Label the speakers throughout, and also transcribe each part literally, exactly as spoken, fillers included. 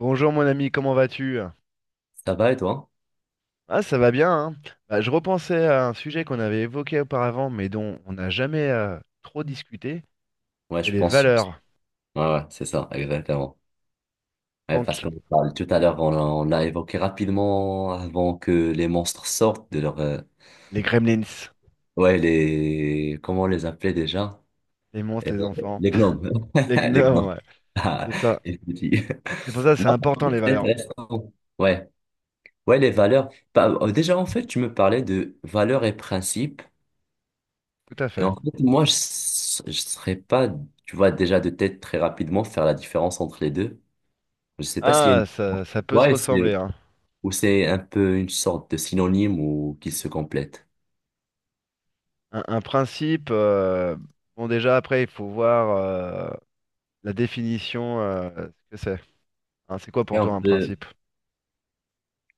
Speaker 1: Bonjour mon ami, comment vas-tu?
Speaker 2: Ça va et toi?
Speaker 1: Ah, ça va bien, hein? Bah, je repensais à un sujet qu'on avait évoqué auparavant, mais dont on n'a jamais euh, trop discuté,
Speaker 2: Ouais,
Speaker 1: c'est
Speaker 2: je
Speaker 1: les
Speaker 2: pense.
Speaker 1: valeurs.
Speaker 2: Ouais, ouais, c'est ça, exactement. Ouais, parce
Speaker 1: Donc,
Speaker 2: qu'on parle tout à l'heure, on, a on l'a évoqué rapidement avant que les monstres sortent de leur. euh,
Speaker 1: les gremlins,
Speaker 2: Ouais, les. Comment on les appelait déjà?
Speaker 1: les monstres,
Speaker 2: Euh,
Speaker 1: les enfants,
Speaker 2: les gnomes.
Speaker 1: les
Speaker 2: Les
Speaker 1: gnomes,
Speaker 2: gnomes.
Speaker 1: ouais,
Speaker 2: Ah,
Speaker 1: c'est ça.
Speaker 2: les petits.
Speaker 1: C'est pour ça que c'est
Speaker 2: Ok,
Speaker 1: important les
Speaker 2: c'est
Speaker 1: valeurs.
Speaker 2: intéressant. Ouais, ouais, les valeurs. Bah, euh, déjà, en fait, tu me parlais de valeurs et principes.
Speaker 1: Tout à
Speaker 2: Et
Speaker 1: fait.
Speaker 2: en fait, moi, je ne serais pas, tu vois, déjà de tête très rapidement faire la différence entre les deux. Je sais pas s'il y a une
Speaker 1: Ah, ça,
Speaker 2: différence
Speaker 1: ça
Speaker 2: pour
Speaker 1: peut se
Speaker 2: toi et
Speaker 1: ressembler,
Speaker 2: c'est
Speaker 1: hein.
Speaker 2: ou c'est un peu une sorte de synonyme ou qu'ils se complètent.
Speaker 1: Un, un principe, euh, bon déjà après, il faut voir euh, la définition, euh, ce que c'est. Hein, c'est quoi
Speaker 2: Et
Speaker 1: pour
Speaker 2: on
Speaker 1: toi un
Speaker 2: peut.
Speaker 1: principe?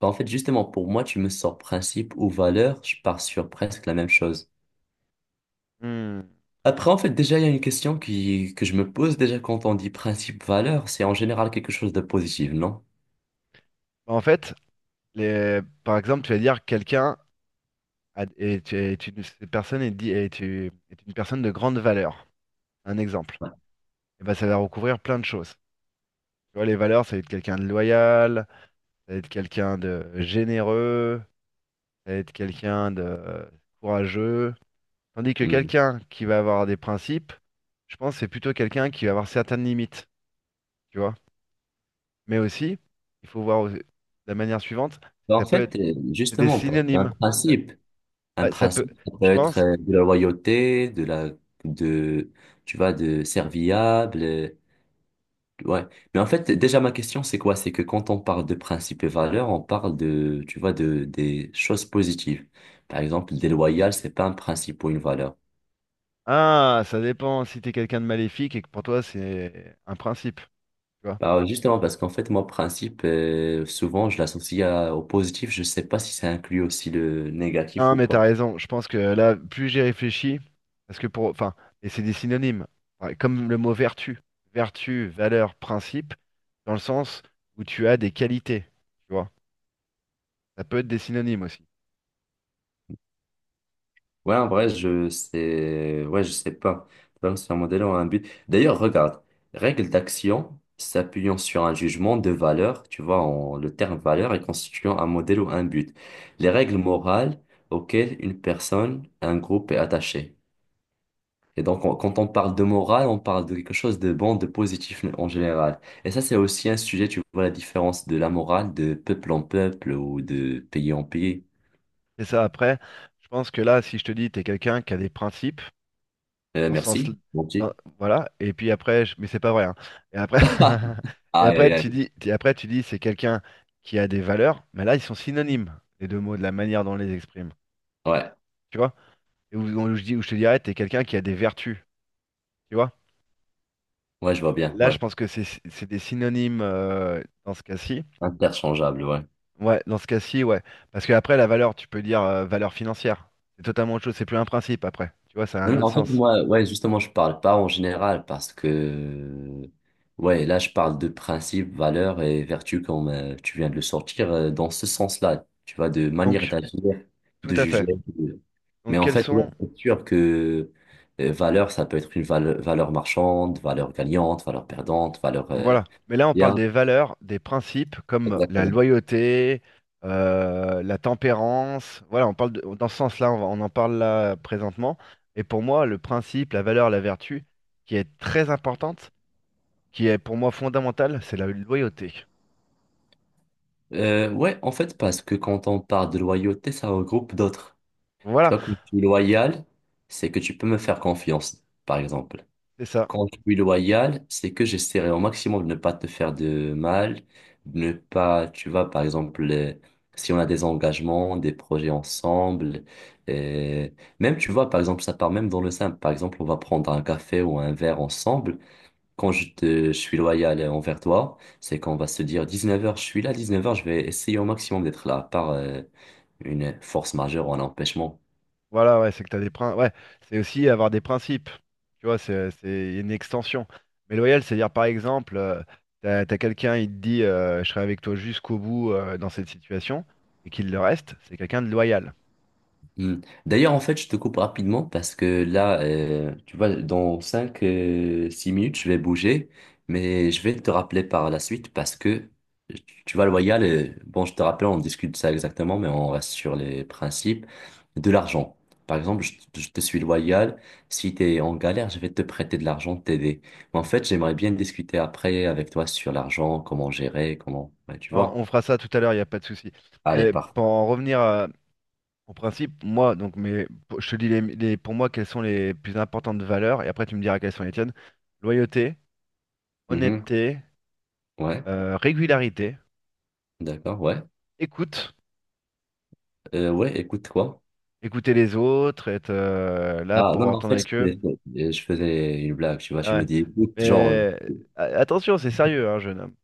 Speaker 2: Bah, en fait, justement, pour moi, tu me sors principe ou valeur, je pars sur presque la même chose.
Speaker 1: Hmm.
Speaker 2: Après, en fait, déjà, il y a une question qui... que je me pose déjà quand on dit principe, valeur, c'est en général quelque chose de positif, non?
Speaker 1: Bah, en fait, Les- par exemple, tu vas dire quelqu'un a- est, est une, cette personne est, di- est une est une personne de grande valeur. Un exemple.
Speaker 2: Ouais.
Speaker 1: Et ben, ça va recouvrir plein de choses. Tu vois, les valeurs, ça va être quelqu'un de loyal, ça va être quelqu'un de généreux, ça va être quelqu'un de euh, courageux. Tandis que
Speaker 2: Hmm.
Speaker 1: quelqu'un qui va avoir des principes, je pense que c'est plutôt quelqu'un qui va avoir certaines limites, tu vois. Mais aussi, il faut voir au- de la manière suivante, c'est que
Speaker 2: Bah, en
Speaker 1: ça peut être
Speaker 2: fait, euh,
Speaker 1: C'est des
Speaker 2: justement, parce qu'un
Speaker 1: synonymes. Ça,
Speaker 2: principe, un
Speaker 1: ouais, ça peut,
Speaker 2: principe, ça peut
Speaker 1: je
Speaker 2: être
Speaker 1: pense.
Speaker 2: euh, de la loyauté, de la, de, tu vois, de serviable. Ouais. Mais en fait, déjà, ma question, c'est quoi? C'est que quand on parle de principes et valeurs, on parle de, tu vois, de, des choses positives. Par exemple, déloyal, c'est pas un principe ou une valeur.
Speaker 1: Ah, ça dépend si t'es quelqu'un de maléfique et que pour toi c'est un principe, tu vois.
Speaker 2: Bah, justement, parce qu'en fait, moi, principe, euh, souvent, je l'associe à- au positif. Je sais pas si ça inclut aussi le négatif
Speaker 1: Non,
Speaker 2: ou
Speaker 1: mais
Speaker 2: pas.
Speaker 1: t'as raison, je pense que là, plus j'y réfléchis, parce que pour, enfin, et c'est des synonymes. Ouais, comme le mot vertu, vertu, valeur, principe, dans le sens où tu as des qualités, tu vois. Ça peut être des synonymes aussi.
Speaker 2: Ouais, en vrai, je sais, ouais, je sais pas. Transfert modèle ont un but. D'ailleurs, regarde, règle d'action s'appuyant sur un jugement de valeur, tu vois, en- le terme valeur est constituant un modèle ou un but. Les règles morales auxquelles une personne, un groupe est attaché. Et donc, on- quand on parle de morale, on parle de quelque chose de bon, de positif en général. Et ça, c'est aussi un sujet, tu vois, la différence de la morale de peuple en peuple ou de pays en pays.
Speaker 1: Et ça, après, je pense que là, si je te dis t'es quelqu'un qui a des principes,
Speaker 2: Euh,
Speaker 1: dans ce sens
Speaker 2: merci, mon
Speaker 1: dans-
Speaker 2: petit.
Speaker 1: voilà, et puis après je- mais c'est pas vrai, hein. Et après et
Speaker 2: Aïe,
Speaker 1: après
Speaker 2: aïe,
Speaker 1: tu
Speaker 2: aïe.
Speaker 1: dis et après tu dis c'est quelqu'un qui a des valeurs, mais là ils sont synonymes, les deux mots, de la manière dont on les exprime,
Speaker 2: Ouais.
Speaker 1: tu vois. Et où, où je dis où je te dirais t'es quelqu'un qui a des vertus, tu vois,
Speaker 2: Ouais, je vois bien,
Speaker 1: là
Speaker 2: ouais.
Speaker 1: je pense que c'est c'est des synonymes euh, dans ce cas-ci.
Speaker 2: Interchangeable, ouais.
Speaker 1: Ouais, dans ce cas-ci, ouais, parce que après la valeur tu peux dire euh, valeur financière, c'est totalement autre chose, c'est plus un principe. Après tu vois, ça a un
Speaker 2: Non, non,
Speaker 1: autre
Speaker 2: en fait,
Speaker 1: sens.
Speaker 2: moi, ouais, justement, je parle pas en général parce que, ouais, là, je parle de principes, valeurs et vertus comme euh, tu viens de le sortir euh, dans ce sens-là, tu vois, de manière
Speaker 1: Donc
Speaker 2: d'agir,
Speaker 1: tout
Speaker 2: de
Speaker 1: à
Speaker 2: juger.
Speaker 1: fait.
Speaker 2: de-
Speaker 1: donc
Speaker 2: Mais en
Speaker 1: quels
Speaker 2: fait, ouais,
Speaker 1: sont
Speaker 2: c'est sûr que euh, valeur, ça peut être une vale- valeur marchande, valeur gagnante, valeur perdante, valeur euh,
Speaker 1: Voilà. Mais là, on parle
Speaker 2: bien.
Speaker 1: des valeurs, des principes comme la
Speaker 2: Exactement.
Speaker 1: loyauté, euh, la tempérance. Voilà, on parle de- dans ce sens-là, on, va- on en parle là présentement. Et pour moi, le principe, la valeur, la vertu, qui est très importante, qui est pour moi fondamentale, c'est la loyauté.
Speaker 2: Euh, ouais, en fait, parce que quand on parle de loyauté, ça regroupe d'autres. Tu
Speaker 1: Voilà,
Speaker 2: vois, quand je suis loyal, c'est que tu peux me faire confiance, par exemple.
Speaker 1: c'est ça.
Speaker 2: Quand je suis loyal, c'est que j'essaierai au maximum de ne pas te faire de mal, de ne pas, tu vois, par exemple, euh, si on a des engagements, des projets ensemble, euh, même, tu vois, par exemple, ça part même dans le simple. Par exemple, on va prendre un café ou un verre ensemble. Quand je te, je suis loyal envers toi, c'est qu'on va se dire dix-neuf heures, je suis là, dix-neuf heures, je vais essayer au maximum d'être là, à part, euh, une force majeure ou un empêchement.
Speaker 1: Voilà, ouais, c'est que t'as des principes. Ouais, c'est aussi avoir des principes. Tu vois, c'est c'est une extension. Mais loyal, c'est dire par exemple, euh, t'as, t'as quelqu'un, il te dit euh, je serai avec toi jusqu'au bout euh, dans cette situation, et qu'il le reste, c'est quelqu'un de loyal.
Speaker 2: Hmm. D'ailleurs, en fait, je te coupe rapidement parce que là, euh, tu vois, dans cinq euh, six minutes, je vais bouger, mais je vais te rappeler par la suite parce que, tu vois, loyal, euh, bon, je te rappelle, on discute de ça exactement, mais on reste sur les principes de l'argent. Par exemple, je, je te suis loyal, si tu es en galère, je vais te prêter de l'argent, t'aider. Mais en fait, j'aimerais bien discuter après avec toi sur l'argent, comment gérer, comment, ouais, tu
Speaker 1: On, on
Speaker 2: vois.
Speaker 1: fera ça tout à l'heure, il n'y a pas de souci.
Speaker 2: Allez,
Speaker 1: Mais
Speaker 2: parfait.
Speaker 1: pour en revenir à, en principe, moi, donc, mais pour- je te dis les, les- pour moi quelles sont les plus importantes valeurs, et après tu me diras quelles sont les tiennes. Loyauté,
Speaker 2: Mhm.
Speaker 1: honnêteté,
Speaker 2: Ouais,
Speaker 1: euh, régularité,
Speaker 2: d'accord, ouais.
Speaker 1: écoute,
Speaker 2: Euh, ouais, écoute, quoi?
Speaker 1: écouter les autres, être euh, là
Speaker 2: Ah,
Speaker 1: pour
Speaker 2: non, mais en
Speaker 1: entendre
Speaker 2: fait,
Speaker 1: avec eux.
Speaker 2: c'était- euh, je faisais une blague, tu vois, je
Speaker 1: Ah
Speaker 2: me
Speaker 1: ouais.
Speaker 2: dis, écoute, genre,
Speaker 1: Mais a- attention, c'est sérieux, hein, jeune homme.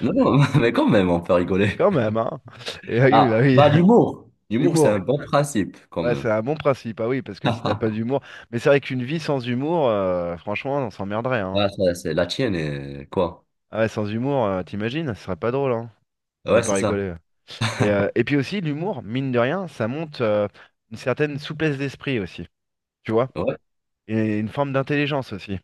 Speaker 2: non, non, mais quand même, on peut rigoler.
Speaker 1: Quand même, hein. Et oui, bah
Speaker 2: Ah,
Speaker 1: oui.
Speaker 2: bah, l'humour. L'humour, c'est un
Speaker 1: Humour.
Speaker 2: bon principe,
Speaker 1: Ouais, c'est
Speaker 2: comme.
Speaker 1: un bon principe, ah oui, parce que si t'as pas d'humour. Mais c'est vrai qu'une vie sans humour, euh, franchement, on s'emmerderait, hein.
Speaker 2: Ah, ça, c'est la tienne, euh, quoi.
Speaker 1: Ah ouais, sans humour, euh, t'imagines, ce serait pas drôle, hein. Tu veux
Speaker 2: Ouais,
Speaker 1: pas
Speaker 2: c'est ça.
Speaker 1: rigoler. Et, euh, et puis aussi, l'humour, mine de rien, ça monte euh, une certaine souplesse d'esprit aussi, tu vois,
Speaker 2: Ouais,
Speaker 1: et une forme d'intelligence aussi.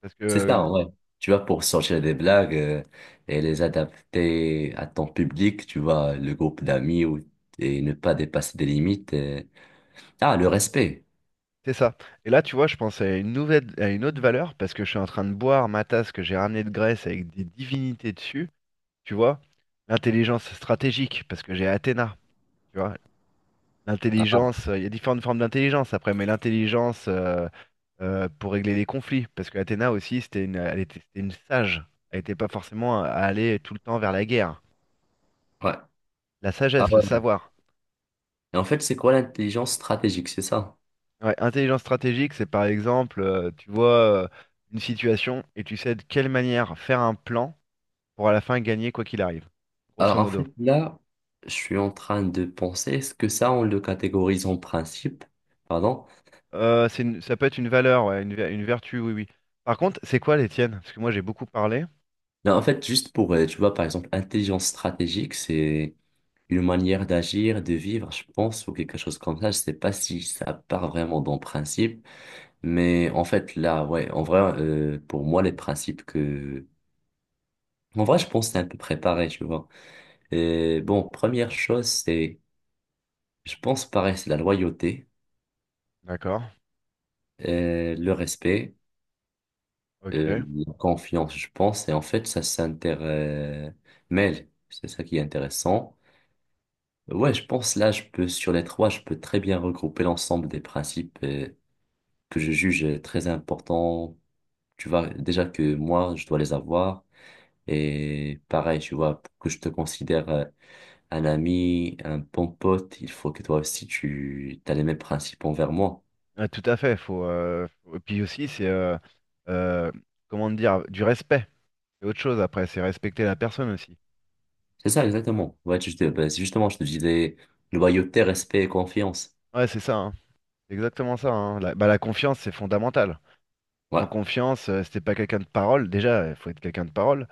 Speaker 1: Parce que
Speaker 2: c'est
Speaker 1: euh,
Speaker 2: ça, ouais. Tu vois, pour sortir des blagues euh, et les adapter à ton public, tu vois, le groupe d'amis ou- et ne pas dépasser des limites. euh. Ah, le respect.
Speaker 1: c'est ça. Et là, tu vois, je pense à une nouvelle, à une autre valeur, parce que je suis en train de boire ma tasse que j'ai ramenée de Grèce avec des divinités dessus, tu vois, l'intelligence stratégique, parce que j'ai Athéna, tu vois.
Speaker 2: Ah,
Speaker 1: L'intelligence, euh, il y a différentes formes d'intelligence après, mais l'intelligence euh, euh, pour régler les conflits, parce que Athéna aussi, c'était une, elle était, c'était une sage. Elle n'était pas forcément à aller tout le temps vers la guerre.
Speaker 2: ouais.
Speaker 1: La
Speaker 2: Ah,
Speaker 1: sagesse,
Speaker 2: ouais.
Speaker 1: le savoir.
Speaker 2: Et en fait, c'est quoi l'intelligence stratégique, c'est ça?
Speaker 1: Ouais, intelligence stratégique, c'est par exemple, euh, tu vois euh, une situation et tu sais de quelle manière faire un plan pour à la fin gagner quoi qu'il arrive, grosso
Speaker 2: Alors en
Speaker 1: modo.
Speaker 2: fait, là, je suis en train de penser, est-ce que ça, on le catégorise en principe? Pardon?
Speaker 1: Euh, c'est une- ça peut être une valeur, ouais, une, ver- une vertu, oui, oui. Par contre, c'est quoi les tiennes? Parce que moi, j'ai beaucoup parlé.
Speaker 2: Non, en fait, juste pour, euh, tu vois, par exemple, intelligence stratégique, c'est une manière d'agir, de vivre, je pense, ou quelque chose comme ça. Je sais pas si ça part vraiment dans le principe, mais en fait, là, ouais, en vrai, euh, pour moi, les principes que. En vrai, je pense que c'est un peu préparé, tu vois. Et bon, première chose, c'est, je pense, pareil, c'est la loyauté,
Speaker 1: D'accord,
Speaker 2: euh, le respect. Euh,
Speaker 1: ok.
Speaker 2: la confiance, je pense, et en fait, ça s'intermêle. C'est ça qui est intéressant. Ouais, je pense là, je peux, sur les trois, je peux très bien regrouper l'ensemble des principes euh, que je juge très importants. Tu vois, déjà que moi, je dois les avoir. Et pareil, tu vois, pour que je te considère euh, un ami, un bon pote, il faut que toi aussi, tu as les mêmes principes envers moi.
Speaker 1: Ouais, tout à fait, faut euh, faut- et puis aussi c'est euh, euh, comment dire, du respect. C'est autre chose après, c'est respecter la personne aussi.
Speaker 2: C'est ça, exactement. Ouais, tu- je te- bah, justement, je te disais loyauté, respect et confiance.
Speaker 1: Ouais, c'est ça, hein. C'est exactement ça, hein. La, bah, la confiance, c'est fondamental.
Speaker 2: Ouais.
Speaker 1: En confiance, euh, si t'es pas quelqu'un de parole, déjà, il faut être quelqu'un de parole.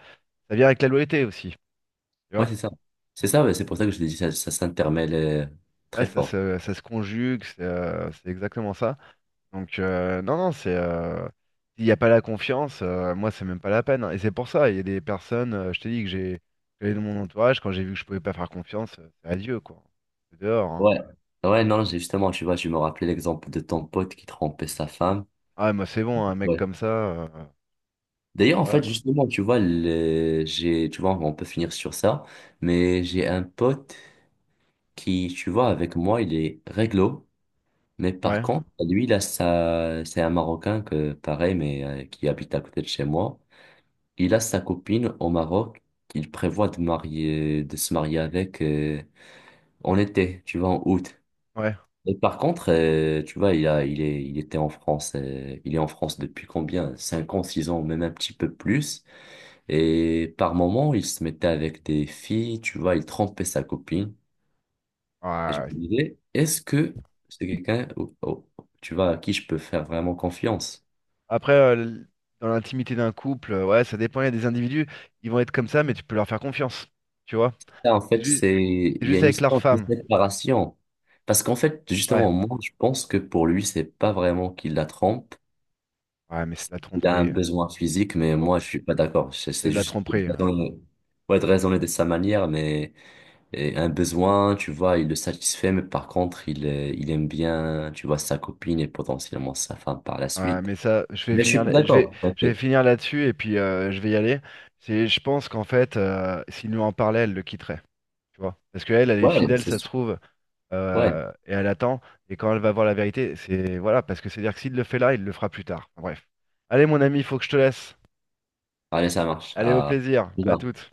Speaker 1: Ça vient avec la loyauté aussi, tu
Speaker 2: Ouais,
Speaker 1: vois.
Speaker 2: c'est ça. C'est ça, ouais, c'est pour ça que je te dis, ça, ça s'intermêle euh,
Speaker 1: Ouais,
Speaker 2: très
Speaker 1: ça
Speaker 2: fort.
Speaker 1: se, ça se conjugue, c'est euh, c'est exactement ça. Donc euh, non, non, c'est euh, s'il n'y a pas la confiance, euh, moi c'est même pas la peine, hein. Et c'est pour ça, il y a des personnes, euh, je t'ai dit que j'ai j'avais dans mon entourage, quand j'ai vu que je pouvais pas faire confiance, euh, c'est adieu quoi. C'est dehors, hein.
Speaker 2: Ouais. Ouais, non, j'ai- justement, tu vois, je me rappelais l'exemple de ton pote qui trompait sa femme.
Speaker 1: Ah moi c'est bon, un mec
Speaker 2: Ouais.
Speaker 1: comme ça, euh,
Speaker 2: D'ailleurs, en
Speaker 1: voilà
Speaker 2: fait,
Speaker 1: quoi.
Speaker 2: justement, tu vois, le- j'ai, tu vois, on peut finir sur ça, mais j'ai un pote qui, tu vois, avec moi, il est réglo, mais par
Speaker 1: Ouais,
Speaker 2: contre, lui, là, ça, c'est un Marocain que, pareil, mais euh, qui habite à côté de chez moi. Il a sa copine au Maroc qu'il prévoit de marier, de se marier avec. Euh, en été, tu vois, en août.
Speaker 1: ouais.
Speaker 2: Et par contre, euh, tu vois, il a, il est, il était en France, euh, il est en France depuis combien? Cinq ans, six ans, même un petit peu plus. Et par moment, il se mettait avec des filles, tu vois, il trompait sa copine. Et je
Speaker 1: Ouais.
Speaker 2: me disais, est-ce que c'est quelqu'un, au- au- tu vois, à qui je peux faire vraiment confiance?
Speaker 1: Après, euh, l- dans l'intimité d'un couple, euh, ouais, ça dépend, il y a des individus, ils vont être comme ça, mais tu peux leur faire confiance. Tu vois?
Speaker 2: Ça, en
Speaker 1: C'est
Speaker 2: fait,
Speaker 1: juste,
Speaker 2: c'est,
Speaker 1: c'est
Speaker 2: il y a
Speaker 1: juste
Speaker 2: une
Speaker 1: avec leur
Speaker 2: sorte de
Speaker 1: femme.
Speaker 2: séparation. Parce qu'en fait,
Speaker 1: Ouais.
Speaker 2: justement, moi, je pense que pour lui, c'est pas vraiment qu'il la trompe.
Speaker 1: Ouais, mais c'est de la
Speaker 2: Il a un
Speaker 1: tromperie, hein.
Speaker 2: besoin physique, mais
Speaker 1: Oh,
Speaker 2: moi, je suis pas d'accord. C'est
Speaker 1: c'est
Speaker 2: c'est
Speaker 1: de la
Speaker 2: juste
Speaker 1: tromperie, hein.
Speaker 2: raisonner- ouais, de raisonner de sa manière, mais et un besoin, tu vois, il le satisfait, mais par contre, il, euh, il aime bien, tu vois, sa copine et potentiellement sa femme par la
Speaker 1: Ouais,
Speaker 2: suite.
Speaker 1: mais ça, je vais
Speaker 2: Mais je suis
Speaker 1: finir là,
Speaker 2: pas
Speaker 1: je vais,
Speaker 2: d'accord.
Speaker 1: je vais
Speaker 2: T'inquiète.
Speaker 1: finir là-dessus et puis euh, je vais y aller. C'est, je pense qu'en fait, euh, s'il nous en parlait, elle le quitterait, tu vois. Parce qu'elle, elle elle est
Speaker 2: Ouais,
Speaker 1: fidèle,
Speaker 2: c'est
Speaker 1: ça se
Speaker 2: sûr.
Speaker 1: trouve,
Speaker 2: Ouais,
Speaker 1: euh, et elle attend. Et quand elle va voir la vérité, c'est voilà, parce que c'est-à-dire que s'il le fait là, il le fera plus tard. Bref. Allez, mon ami, il faut que je te laisse.
Speaker 2: allez, ça marche.
Speaker 1: Allez, au
Speaker 2: À.
Speaker 1: plaisir, à toutes.